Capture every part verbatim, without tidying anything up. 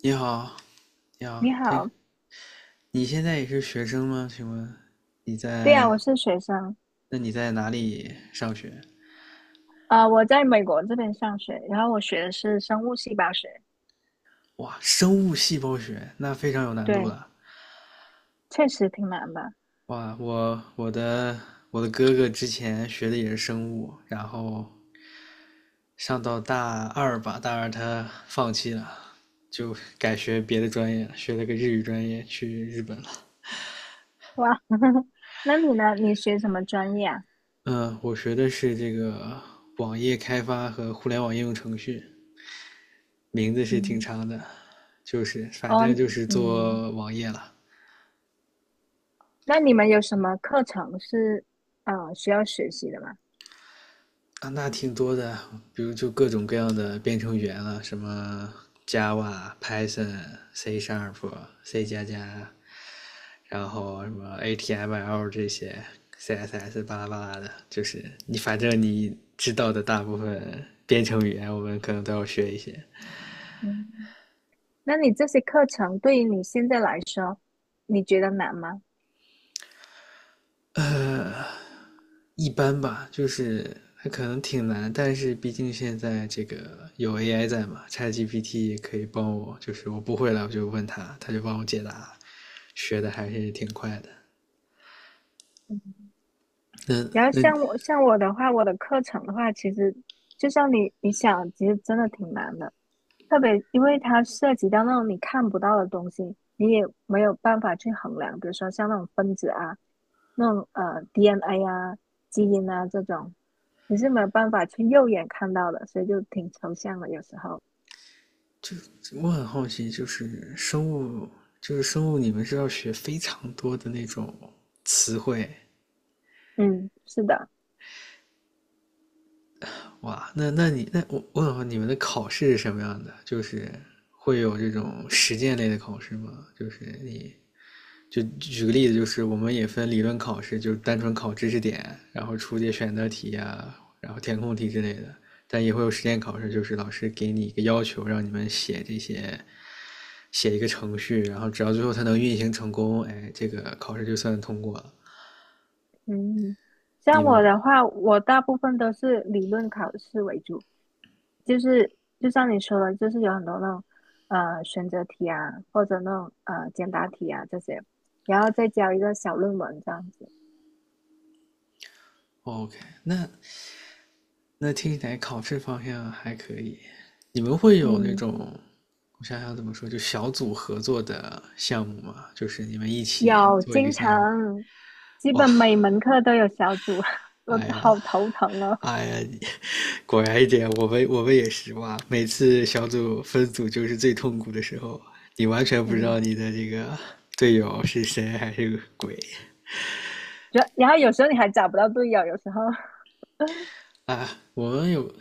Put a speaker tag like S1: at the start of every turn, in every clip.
S1: 你好，你好，
S2: 你
S1: 听，
S2: 好。
S1: 你现在也是学生吗？请问你
S2: 对呀，
S1: 在，
S2: 我是学生。
S1: 那你在哪里上学？
S2: 啊、我在美国这边上学，然后我学的是生物细胞学。
S1: 哇，生物细胞学，那非常有难度
S2: 对，
S1: 了。
S2: 确实挺难的。
S1: 哇，我我的我的哥哥之前学的也是生物，然后上到大二吧，大二他放弃了，就改学别的专业了，学了个日语专业，去日本了。
S2: 哇，那你呢？你学什么专业啊？
S1: 嗯，我学的是这个网页开发和互联网应用程序。名字是挺
S2: 嗯。
S1: 长的，就是反
S2: 哦。
S1: 正就是
S2: 嗯。
S1: 做网页了。
S2: 那你们有什么课程是呃需要学习的吗？
S1: 啊，那挺多的，比如就各种各样的编程语言了，什么 Java、Python、C Sharp、C 加加，然后什么 H T M L 这些，C S S 巴拉巴拉的，就是你反正你知道的大部分编程语言，我们可能都要学一些。
S2: 嗯。那你这些课程对于你现在来说，你觉得难吗？
S1: 一般吧，就是还可能挺难，但是毕竟现在这个有 A I 在嘛，ChatGPT 可以帮我，就是我不会了我就问他，他就帮我解答，学的还是挺快的。
S2: 嗯，
S1: 那
S2: 然后
S1: 那
S2: 像我像我的话，我的课程的话，其实就像你你想，其实真的挺难的，特别因为它涉及到那种你看不到的东西，你也没有办法去衡量，比如说像那种分子啊，那种呃 D N A 啊、基因啊这种，你是没有办法去肉眼看到的，所以就挺抽象的有时候。
S1: 我很好奇，就是生物，就是生物，你们是要学非常多的那种词汇
S2: 嗯，是的。
S1: 哇？那那你那我我很好奇，你们的考试是什么样的？就是会有这种实践类的考试吗？就是你就举个例子，就是我们也分理论考试，就是单纯考知识点，然后出些选择题啊，然后填空题之类的。但也会有实践考试，就是老师给你一个要求，让你们写这些，写一个程序，然后只要最后它能运行成功，哎，这个考试就算通过了。
S2: 嗯，
S1: 你
S2: 像我
S1: 们
S2: 的话，我大部分都是理论考试为主，就是就像你说的，就是有很多那种呃选择题啊，或者那种呃简答题啊这些，然后再交一个小论文这样子。
S1: 哦 OK？那那听起来考试方向还可以。你们会有那
S2: 嗯，
S1: 种，我想想怎么说，就小组合作的项目吗？就是你们一起
S2: 有
S1: 做一个
S2: 经
S1: 项目。
S2: 常，基
S1: 哇，
S2: 本每门课都有小组，我
S1: 哎
S2: 好
S1: 呀，
S2: 头疼哦。
S1: 哎呀，果然一点，我们我们也是哇！每次小组分组就是最痛苦的时候，你完全不知道
S2: 嗯。
S1: 你的这个队友是谁还是个鬼
S2: 然然后有时候你还找不到队友，有时候
S1: 啊！我们有，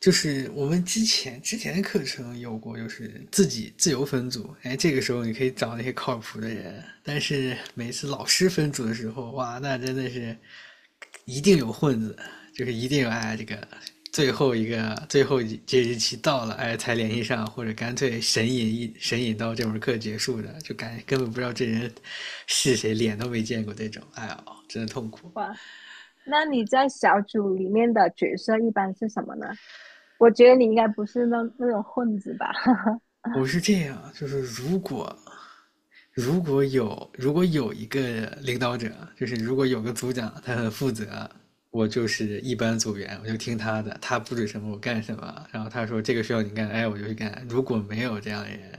S1: 就是我们之前之前的课程有过，就是自己自由分组，哎，这个时候你可以找那些靠谱的人，但是每次老师分组的时候，哇，那真的是一定有混子，就是一定有哎这个最后一个最后这日期到了哎才联系上，或者干脆神隐一神隐到这门课结束的，就感根本不知道这人是谁，脸都没见过这种，哎呀，真的痛苦。
S2: 哇，那你在小组里面的角色一般是什么呢？我觉得你应该不是那那种混子吧？
S1: 我是这样，就是如果如果有如果有一个领导者，就是如果有个组长，他很负责，我就是一班组员，我就听他的，他布置什么我干什么。然后他说这个需要你干，哎，我就去干。如果没有这样的人，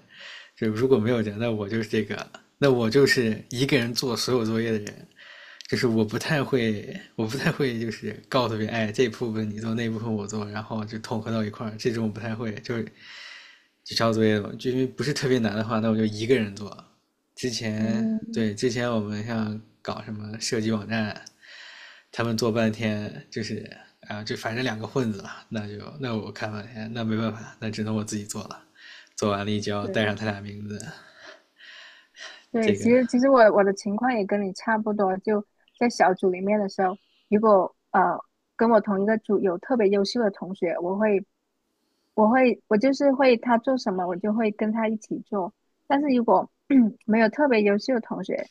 S1: 就如果没有人，那我就是这个，那我就是一个人做所有作业的人。就是我不太会，我不太会，就是告诉别人，哎，这部分你做，那部分我做，然后就统合到一块儿，这种我不太会。就是就抄作业嘛，就因为不是特别难的话，那我就一个人做。之前
S2: 嗯。
S1: 对，之前我们像搞什么设计网站，他们做半天就是啊，就反正两个混子了，那就那我看半天，那没办法，那只能我自己做了。做完了一交，
S2: 对
S1: 带上他俩名字，
S2: 对，
S1: 这
S2: 其
S1: 个
S2: 实其实我我的情况也跟你差不多，就在小组里面的时候，如果呃跟我同一个组有特别优秀的同学，我会我会我就是会他做什么，我就会跟他一起做。但是如果 没有特别优秀的同学，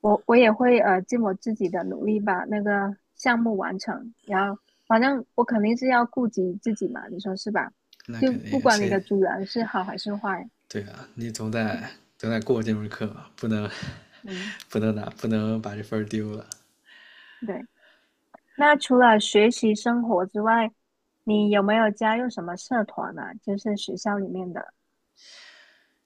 S2: 我我也会呃尽我自己的努力把那个项目完成，然后反正我肯定是要顾及自己嘛，你说是吧？
S1: 那
S2: 就
S1: 肯
S2: 不
S1: 定
S2: 管你
S1: 谁
S2: 的主人是好还是坏。
S1: 对啊，你总得总得过这门课吧，不能
S2: 嗯，
S1: 不能拿不能把这分丢了。
S2: 对。那除了学习生活之外，你有没有加入什么社团呢？就是学校里面的。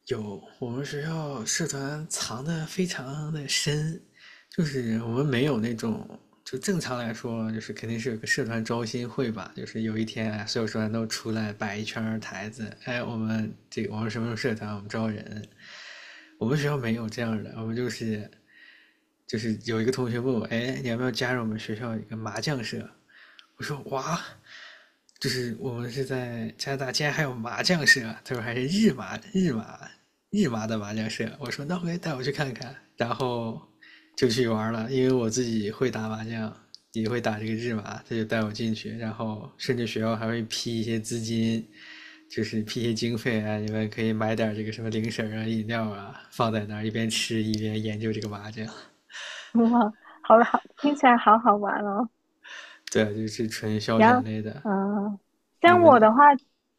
S1: 有，我们学校社团藏的非常的深，就是我们没有那种，就正常来说，就是肯定是有个社团招新会吧，就是有一天啊所有社团都出来摆一圈台子，哎，我们这我们什么时候社团，我们招人，我们学校没有这样的，我们就是就是有一个同学问我，哎，你要不要加入我们学校一个麻将社？我说哇，就是我们是在加拿大，竟然还有麻将社，他说还是日麻日麻日麻的麻将社。我说那回带我去看看，然后就去玩了，因为我自己会打麻将，也会打这个日麻，他就带我进去，然后甚至学校还会批一些资金，就是批一些经费啊，你们可以买点这个什么零食啊、饮料啊，放在那儿一边吃一边研究这个麻将。
S2: 哇，好好，听起来好好玩哦。
S1: 对啊，就是纯消
S2: 然
S1: 遣
S2: 后，
S1: 类的。
S2: 嗯、
S1: 你
S2: 像
S1: 们那
S2: 我的话，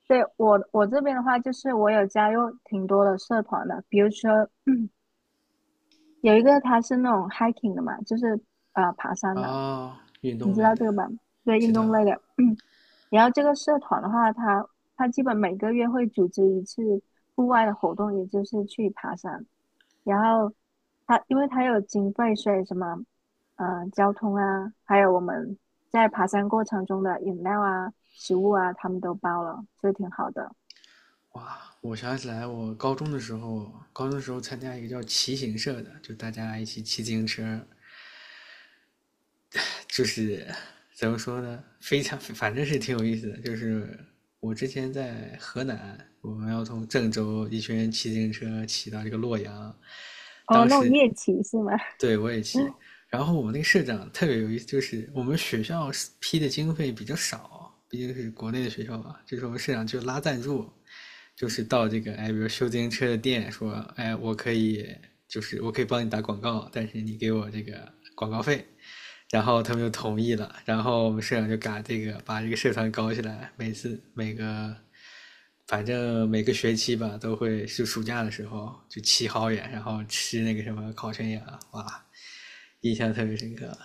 S2: 对，我我这边的话，就是我有加入挺多的社团的，比如说 有一个他是那种 hiking 的嘛，就是呃爬山的，
S1: 哦，运
S2: 你
S1: 动
S2: 知
S1: 类
S2: 道
S1: 的，
S2: 这个吧？对，
S1: 知
S2: 运动
S1: 道。
S2: 类的。然后这个社团的话，他他基本每个月会组织一次户外的活动，也就是去爬山。然后他因为他有经费，所以什么呃交通啊，还有我们在爬山过程中的饮料啊、食物啊，他们都包了，所以挺好的。
S1: 哇，我想起来，我高中的时候，高中的时候参加一个叫骑行社的，就大家一起骑自行车，就是怎么说呢，非常反正是挺有意思的。就是我之前在河南，我们要从郑州一群人骑自行车骑到这个洛阳，
S2: 哦，
S1: 当
S2: 那种
S1: 时
S2: 夜骑是吗？
S1: 对我也骑，
S2: 哇，
S1: 然后我们那个社长特别有意思，就是我们学校批的经费比较少，毕竟是国内的学校嘛，就是我们社长就拉赞助。就是到这个哎，比如修自行车的店说，哎，我可以就是我可以帮你打广告，但是你给我这个广告费。然后他们就同意了，然后我们社长就嘎这个把这个社团搞起来，每次每个反正每个学期吧都会是暑假的时候就骑好远，然后吃那个什么烤全羊，哇，印象特别深刻。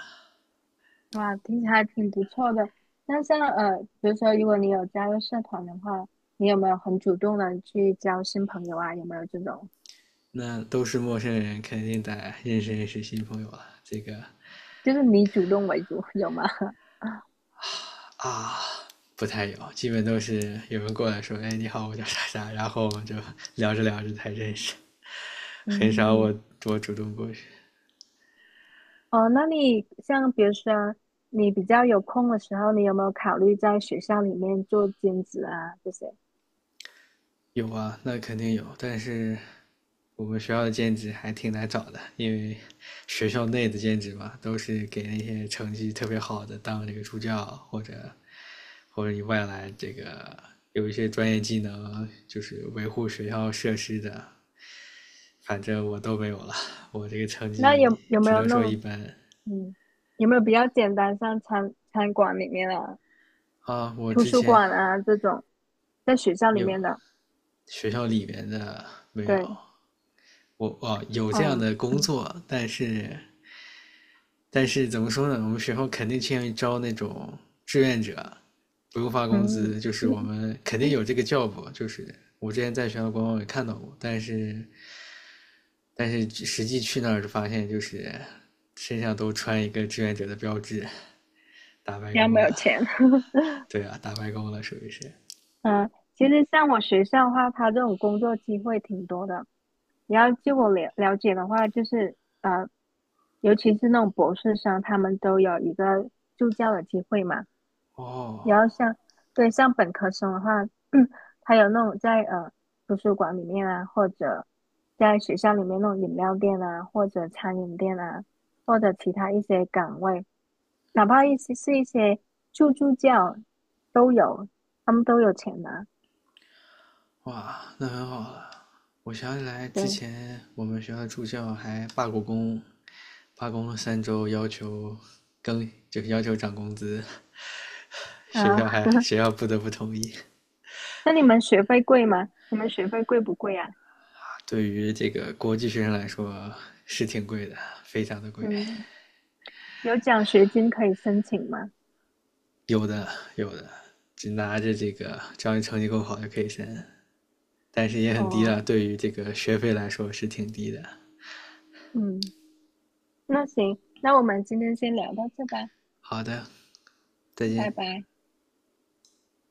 S2: 听起来还挺不错的。那像呃，比如说，如果你有加入社团的话，你有没有很主动的去交新朋友啊？有没有这种，
S1: 那都是陌生人，肯定得认识认识新朋友啊，这个
S2: 就是你主动为主，有吗？
S1: 啊，不太有，基本都是有人过来说："哎，你好，我叫啥啥。"然后我们就聊着聊着才认识，很少
S2: 嗯。
S1: 我我主动过去。
S2: 哦，那你像比如说你比较有空的时候，你有没有考虑在学校里面做兼职啊这些？
S1: 有啊，那肯定有，但是我们学校的兼职还挺难找的，因为学校内的兼职嘛，都是给那些成绩特别好的当这个助教，或者或者你外来这个有一些专业技能，就是维护学校设施的，反正我都没有了，我这个成
S2: 那
S1: 绩
S2: 有有没
S1: 只
S2: 有
S1: 能
S2: 那
S1: 说一
S2: 种，
S1: 般
S2: 嗯，有没有比较简单，像餐餐馆里面啊、
S1: 啊。我
S2: 图
S1: 之
S2: 书
S1: 前
S2: 馆啊这种，在学校里
S1: 有
S2: 面的？
S1: 学校里面的没有，
S2: 对，
S1: 我哦有这样
S2: 嗯。
S1: 的工
S2: 嗯。
S1: 作，但是但是怎么说呢？我们学校肯定倾向于招那种志愿者，不用发工
S2: 嗯。
S1: 资，就是 我们肯定有这个 job，就是我之前在学校官网也看到过，但是但是实际去那儿就发现就是身上都穿一个志愿者的标志，打白
S2: 你要
S1: 工
S2: 没有
S1: 了。
S2: 钱？
S1: 对啊，打白工了属于是。
S2: 嗯，其实像我学校的话，它这种工作机会挺多的。你要据我了了解的话，就是呃，尤其是那种博士生，他们都有一个助教的机会嘛。
S1: 哦，
S2: 然后像对像本科生的话，他有那种在呃图书馆里面啊，或者在学校里面那种饮料店啊，或者餐饮店啊，或者其他一些岗位，哪怕一些是一些助助教都有，他们都有钱拿。
S1: 哇，那很好了。我想起来之
S2: 对
S1: 前我们学校的助教还罢过工，罢工了三周，要求更就是要求涨工资，
S2: 啊，
S1: 学校还 学校不得不同意。
S2: 那你们学费贵吗？你们学费贵不贵啊？
S1: 对于这个国际学生来说是挺贵的，非常的贵。
S2: 嗯，有奖学金可以申请吗？
S1: 有的有的，只拿着这个，只要你成绩够好就可以申，但是也很低
S2: 哦，
S1: 了。对于这个学费来说是挺低的。
S2: 嗯。那行，那我们今天先聊到这吧。
S1: 好的，再
S2: 拜
S1: 见。
S2: 拜。